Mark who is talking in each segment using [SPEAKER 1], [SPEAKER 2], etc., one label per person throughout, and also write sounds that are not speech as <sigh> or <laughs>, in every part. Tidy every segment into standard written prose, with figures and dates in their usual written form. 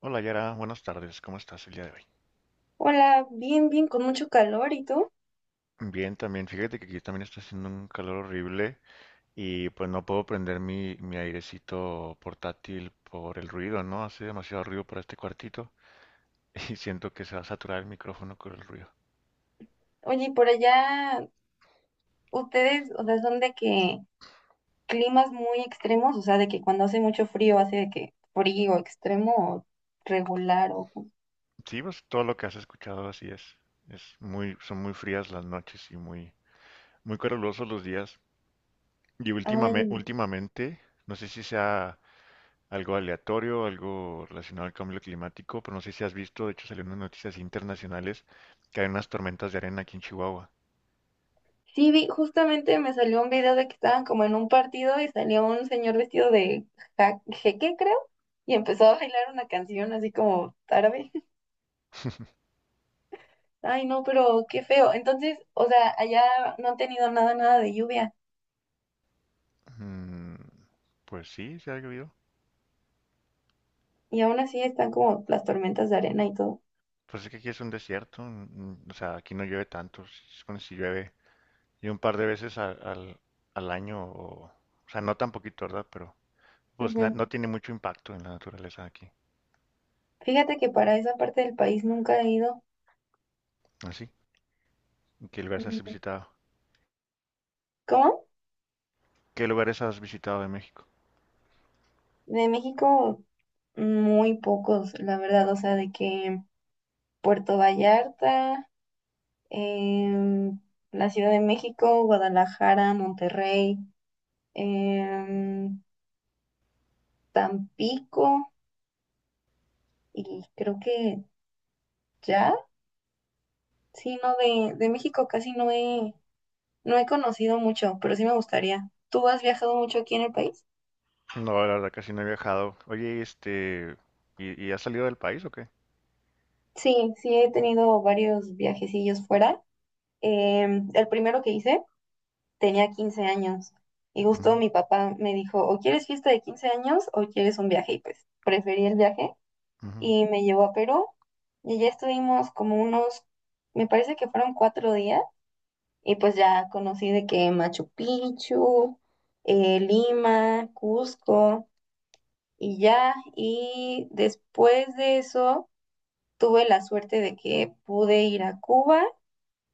[SPEAKER 1] Hola Yara, buenas tardes, ¿cómo estás el día de hoy?
[SPEAKER 2] Hola, bien, bien, con mucho calor, ¿y tú?
[SPEAKER 1] Bien, también, fíjate que aquí también está haciendo un calor horrible y pues no puedo prender mi airecito portátil por el ruido, ¿no? Hace demasiado ruido para este cuartito <laughs> y siento que se va a saturar el micrófono con el ruido.
[SPEAKER 2] Oye, ¿y por allá ustedes, o sea, son de que climas muy extremos, o sea, de que cuando hace mucho frío hace de que frío extremo o regular o...
[SPEAKER 1] Sí, pues todo lo que has escuchado así es. Es muy, son muy frías las noches y muy calurosos los días. Y
[SPEAKER 2] Ay, no.
[SPEAKER 1] últimamente, no sé si sea algo aleatorio, algo relacionado al cambio climático, pero no sé si has visto, de hecho salieron unas noticias internacionales que hay unas tormentas de arena aquí en Chihuahua.
[SPEAKER 2] Sí, vi, justamente me salió un video de que estaban como en un partido y salió un señor vestido de jeque, creo, y empezó a bailar una canción así como tarde. <laughs>
[SPEAKER 1] <laughs>
[SPEAKER 2] Ay, no, pero qué feo. Entonces, o sea, allá no han tenido nada de lluvia.
[SPEAKER 1] Mm, pues sí, se ha llovido.
[SPEAKER 2] Y aún así están como las tormentas de arena y todo.
[SPEAKER 1] Pues es que aquí es un desierto, o sea, aquí no llueve tanto, se supone si llueve y un par de veces al, al año, o sea, no tan poquito, ¿verdad? Pero pues
[SPEAKER 2] Ujú.
[SPEAKER 1] no tiene mucho impacto en la naturaleza aquí.
[SPEAKER 2] Fíjate que para esa parte del país nunca he ido.
[SPEAKER 1] Así, ¿qué lugares has
[SPEAKER 2] Mm,
[SPEAKER 1] visitado?
[SPEAKER 2] ¿Cómo?
[SPEAKER 1] ¿Qué lugares has visitado de México?
[SPEAKER 2] De México, muy pocos, la verdad. O sea, de que Puerto Vallarta, em, la Ciudad de México, Guadalajara, Monterrey, em, Tampico y creo que ya. Sí, no, de México casi no he, no he conocido mucho, pero sí me gustaría. ¿Tú has viajado mucho aquí en el país?
[SPEAKER 1] No, la verdad casi no he viajado. Oye, y has salido del país o qué?
[SPEAKER 2] Sí, sí he tenido varios viajecillos fuera. El primero que hice tenía 15 años y justo mi papá me dijo, o quieres fiesta de 15 años o quieres un viaje. Y pues preferí el viaje y me llevó a Perú y ya estuvimos como unos, me parece que fueron 4 días y pues ya conocí de que Machu Picchu, Lima, Cusco y ya. Y después de eso tuve la suerte de que pude ir a Cuba,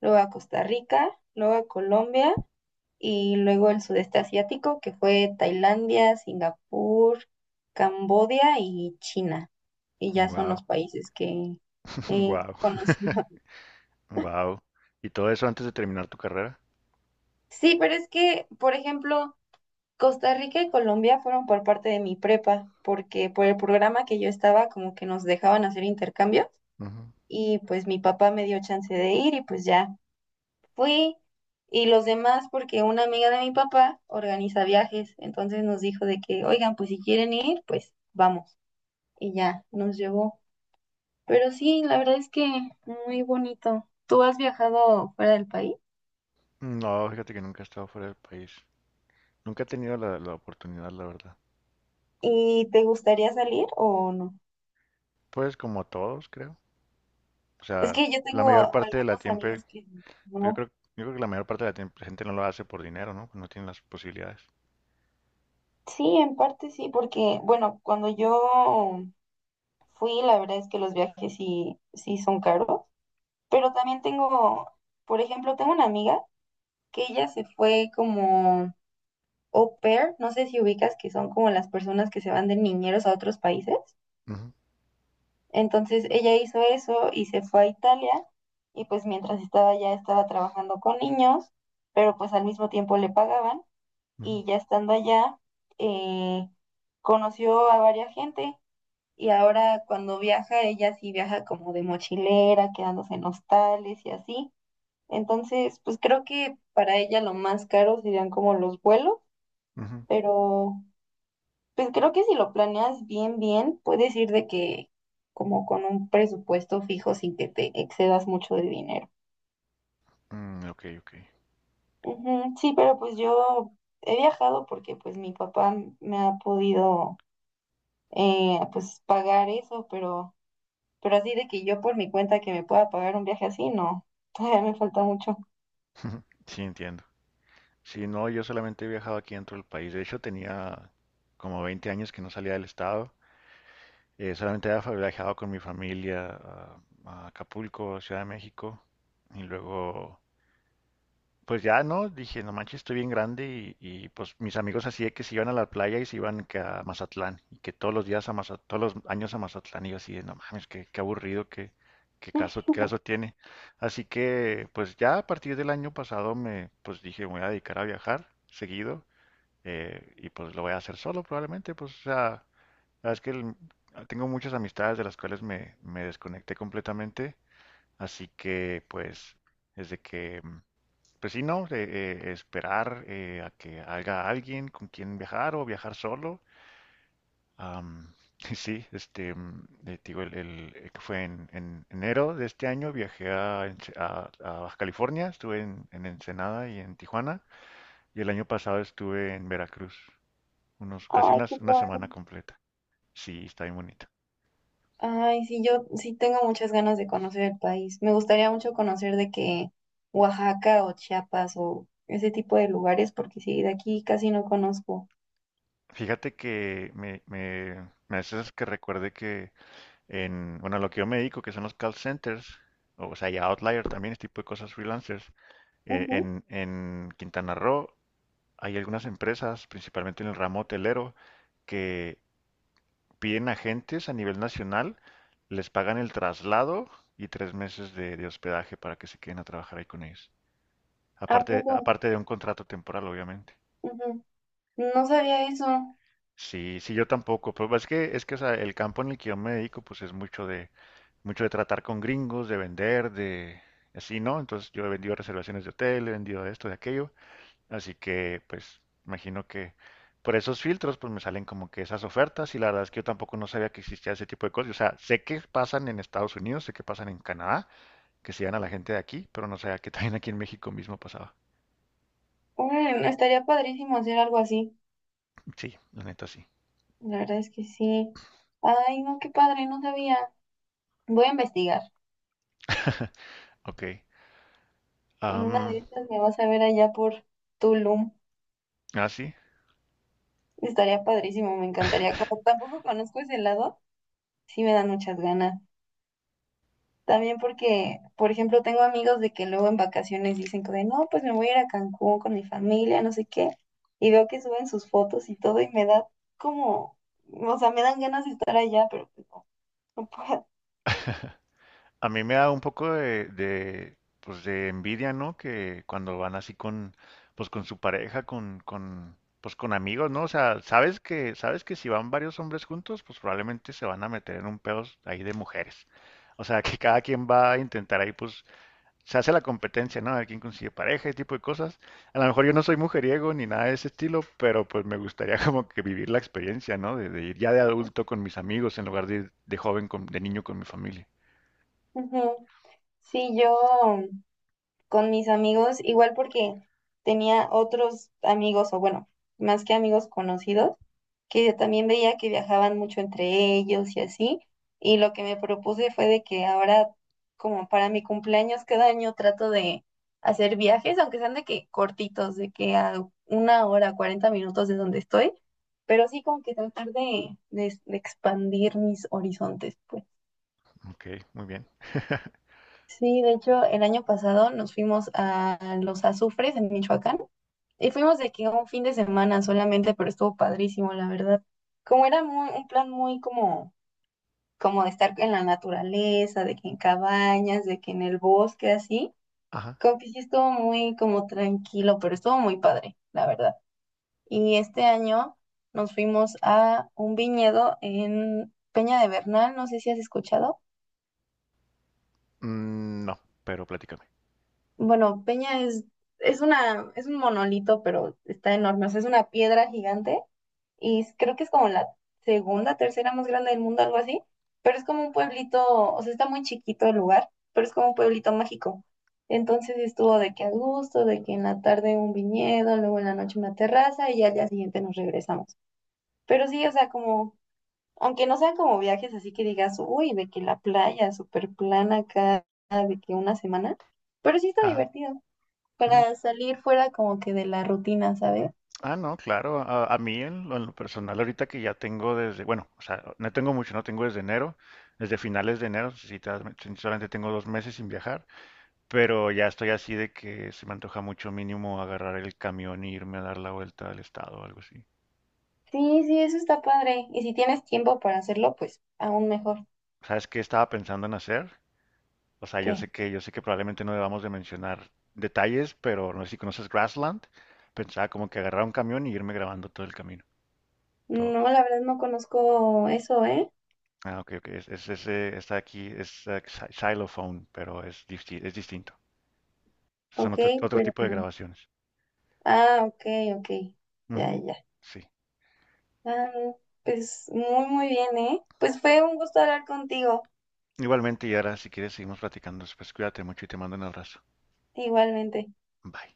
[SPEAKER 2] luego a Costa Rica, luego a Colombia y luego el sudeste asiático, que fue Tailandia, Singapur, Camboya y China. Y ya son los
[SPEAKER 1] Wow,
[SPEAKER 2] países que he
[SPEAKER 1] wow,
[SPEAKER 2] conocido.
[SPEAKER 1] wow. <laughs> ¿Y todo eso antes de terminar tu carrera?
[SPEAKER 2] Sí, pero es que, por ejemplo, Costa Rica y Colombia fueron por parte de mi prepa, porque por el programa que yo estaba, como que nos dejaban hacer intercambios
[SPEAKER 1] Ujú.
[SPEAKER 2] y pues mi papá me dio chance de ir y pues ya fui. Y los demás porque una amiga de mi papá organiza viajes, entonces nos dijo de que, oigan, pues si quieren ir, pues vamos. Y ya nos llevó. Pero sí, la verdad es que muy bonito. ¿Tú has viajado fuera del país?
[SPEAKER 1] No, fíjate que nunca he estado fuera del país. Nunca he tenido la oportunidad, la verdad.
[SPEAKER 2] ¿Y te gustaría salir o no?
[SPEAKER 1] Pues como todos, creo. O
[SPEAKER 2] Es
[SPEAKER 1] sea,
[SPEAKER 2] que yo
[SPEAKER 1] la
[SPEAKER 2] tengo
[SPEAKER 1] mayor parte de la
[SPEAKER 2] algunos
[SPEAKER 1] tiempo,
[SPEAKER 2] amigos que
[SPEAKER 1] yo
[SPEAKER 2] no.
[SPEAKER 1] creo, yo creo que la mayor parte de gente no lo hace por dinero, ¿no? No tiene las posibilidades.
[SPEAKER 2] Sí, en parte sí, porque, bueno, cuando yo fui, la verdad es que los viajes sí, sí son caros, pero también tengo, por ejemplo, tengo una amiga que ella se fue como au pair, no sé si ubicas que son como las personas que se van de niñeros a otros países.
[SPEAKER 1] Ujú,
[SPEAKER 2] Entonces ella hizo eso y se fue a Italia y pues mientras estaba allá estaba trabajando con niños, pero pues al mismo tiempo le pagaban.
[SPEAKER 1] ujú,
[SPEAKER 2] Y ya estando allá eh, conoció a varias gente y ahora cuando viaja ella sí viaja como de mochilera, quedándose en hostales y así. Entonces pues creo que para ella lo más caro serían como los vuelos,
[SPEAKER 1] ujú.
[SPEAKER 2] pero pues creo que si lo planeas bien, puedes ir de que como con un presupuesto fijo sin que te excedas mucho de dinero.
[SPEAKER 1] Mm, ok, ok.
[SPEAKER 2] Ujú. Sí, pero pues yo he viajado porque pues mi papá me ha podido pues pagar eso, pero así de que yo por mi cuenta que me pueda pagar un viaje así, no, todavía me falta mucho.
[SPEAKER 1] <laughs> Sí, entiendo. Si no, yo solamente he viajado aquí dentro del país. De hecho, tenía como 20 años que no salía del estado. Solamente había viajado con mi familia a Acapulco, Ciudad de México. Y luego, pues ya no, dije, no manches, estoy bien grande. Pues mis amigos así de que se iban a la playa y se iban que a Mazatlán. Y que todos los días a Mazatlán, todos los años a Mazatlán. Y yo así de, no mames, qué aburrido,
[SPEAKER 2] <laughs>
[SPEAKER 1] qué caso tiene. Así que, pues ya a partir del año pasado pues dije, me voy a dedicar a viajar seguido y pues lo voy a hacer solo probablemente, pues o sea, la verdad es que tengo muchas amistades de las cuales me desconecté completamente, así que pues es de que, pues sí, no, esperar a que haga alguien con quien viajar o viajar solo. Am, <laughs> y sí, te digo, que fue en enero de este año viajé a Baja California, estuve en Ensenada y en Tijuana, y el año pasado estuve en Veracruz unos,
[SPEAKER 2] Ay, qué
[SPEAKER 1] una
[SPEAKER 2] padre.
[SPEAKER 1] semana completa. Sí, está bien bonita.
[SPEAKER 2] Ay, sí, yo sí tengo muchas ganas de conocer el país. Me gustaría mucho conocer de que Oaxaca o Chiapas o ese tipo de lugares, porque sí, de aquí casi no conozco.
[SPEAKER 1] Fíjate que me haces que recuerde que en, bueno, lo que yo me dedico, que son los call centers, o sea, y Outlier también, este tipo de cosas freelancers,
[SPEAKER 2] Ujú.
[SPEAKER 1] en Quintana Roo hay algunas empresas, principalmente en el ramo hotelero, que piden agentes a nivel nacional, les pagan el traslado y 3 meses de hospedaje para que se queden a trabajar ahí con ellos.
[SPEAKER 2] ¿A
[SPEAKER 1] Aparte,
[SPEAKER 2] poco?
[SPEAKER 1] aparte de un contrato temporal, obviamente.
[SPEAKER 2] Ujú. No sabía eso.
[SPEAKER 1] Sí, sí, yo tampoco. Pues es que, o sea, el campo en el que yo me dedico, pues es mucho mucho de tratar con gringos, de vender, de así, ¿no? Entonces yo he vendido reservaciones de hotel, he vendido esto, de aquello. Así que, pues, imagino que por esos filtros, pues me salen como que esas ofertas y la verdad es que yo tampoco no sabía que existía ese tipo de cosas. O sea, sé que pasan en Estados Unidos, sé que pasan en Canadá, que se dan a la gente de aquí, pero no sabía que <laughs> también aquí en México mismo pasaba.
[SPEAKER 2] Órale, no, estaría padrísimo hacer algo así.
[SPEAKER 1] Sí, la neta sí.
[SPEAKER 2] La verdad es que sí. Ay, no, qué padre, no sabía. Voy a investigar.
[SPEAKER 1] <laughs> Ok.
[SPEAKER 2] En una de
[SPEAKER 1] Am,
[SPEAKER 2] esas me vas a ver allá por Tulum.
[SPEAKER 1] ah, sí.
[SPEAKER 2] Estaría padrísimo, me encantaría. Como tampoco conozco ese lado, sí me dan muchas ganas. También porque, por ejemplo, tengo amigos de que luego en vacaciones dicen que de, no, pues me voy a ir a Cancún con mi familia, no sé qué, y veo que suben sus fotos y todo y me da como, o sea, me dan ganas de estar allá, pero pues no, no puedo.
[SPEAKER 1] A mí me da un poco pues de envidia, ¿no? Que cuando van así con, pues con su pareja, pues con amigos, ¿no? O sea, sabes que si van varios hombres juntos, pues probablemente se van a meter en un pedo ahí de mujeres. O sea, que cada quien va a intentar ahí, pues, se hace la competencia, ¿no? A ver quién consigue pareja, ese tipo de cosas. A lo mejor yo no soy mujeriego ni nada de ese estilo, pero pues me gustaría <laughs> como que vivir la experiencia, ¿no? De ir ya de adulto con mis amigos en lugar de ir de joven, con, de niño con mi familia.
[SPEAKER 2] <laughs> Ujú. Sí, yo con mis amigos, igual porque tenía otros amigos, o bueno, más que amigos conocidos que también veía que viajaban mucho entre ellos y así, y lo que me propuse fue de que ahora, como para mi cumpleaños cada año, trato de hacer viajes, aunque sean de que cortitos, de que a una hora, 40 minutos de donde estoy, pero sí como que tratar de expandir mis horizontes, pues.
[SPEAKER 1] Ok, muy bien. <laughs>
[SPEAKER 2] Sí, de hecho, el año pasado nos fuimos a Los Azufres en Michoacán y fuimos de que un fin de semana solamente, pero estuvo padrísimo, la verdad. Como era un plan muy como como de estar en la naturaleza, de que en cabañas, de que en el bosque, así.
[SPEAKER 1] Ajá.
[SPEAKER 2] Como que sí estuvo muy como tranquilo, pero estuvo muy padre, la verdad. Y este año nos fuimos a un viñedo en Peña de Bernal, no sé si has escuchado.
[SPEAKER 1] Mm, no, pero platícame.
[SPEAKER 2] Bueno, Peña es una, es un monolito, pero está enorme, o sea, es una piedra gigante y creo que es como la segunda, tercera más grande del mundo, algo así, pero es como un pueblito, o sea, está muy chiquito el lugar, pero es como un pueblito mágico. Entonces estuvo de que a gusto, de que en la tarde un viñedo, luego en la noche una terraza y ya al día siguiente nos regresamos. Pero sí, o sea, como, aunque no sean como viajes así que digas, uy, de que la playa súper plana acá, de que una semana, pero sí está
[SPEAKER 1] Ajá.
[SPEAKER 2] divertido
[SPEAKER 1] Mm.
[SPEAKER 2] para salir fuera como que de la rutina, ¿sabes?
[SPEAKER 1] Ah, no, claro. A mí en lo personal ahorita que ya tengo desde, bueno, o sea, no tengo mucho, no tengo desde enero, desde finales de enero, si te si solamente tengo 2 meses sin viajar, pero ya estoy así de que se me antoja mucho mínimo agarrar el camión e irme a dar la vuelta al estado o algo así.
[SPEAKER 2] Sí, sí, eso está padre. Y si tienes tiempo para hacerlo, pues aún mejor.
[SPEAKER 1] ¿Sabes qué estaba pensando en hacer? O sea,
[SPEAKER 2] ¿Qué?
[SPEAKER 1] yo sé que probablemente no debamos de mencionar detalles, pero no sé si conoces Grassland. Pensaba como que agarrar un camión y irme grabando todo el camino. Todo-
[SPEAKER 2] No, la verdad no conozco eso, ¿eh?
[SPEAKER 1] Ah, ok, ok. Es ese, está aquí, es xylophone, pero es, es distinto. Son
[SPEAKER 2] Ok,
[SPEAKER 1] otro, otro
[SPEAKER 2] pero...
[SPEAKER 1] tipo de grabaciones.
[SPEAKER 2] Ah, ok, ok. Ya,
[SPEAKER 1] Ujú,
[SPEAKER 2] ya.
[SPEAKER 1] sí.
[SPEAKER 2] Ah, pues muy, muy bien, ¿eh? Pues fue un gusto hablar contigo,
[SPEAKER 1] Igualmente, y ahora si quieres seguimos platicando después. Cuídate mucho y te mando un abrazo.
[SPEAKER 2] igualmente.
[SPEAKER 1] Bye.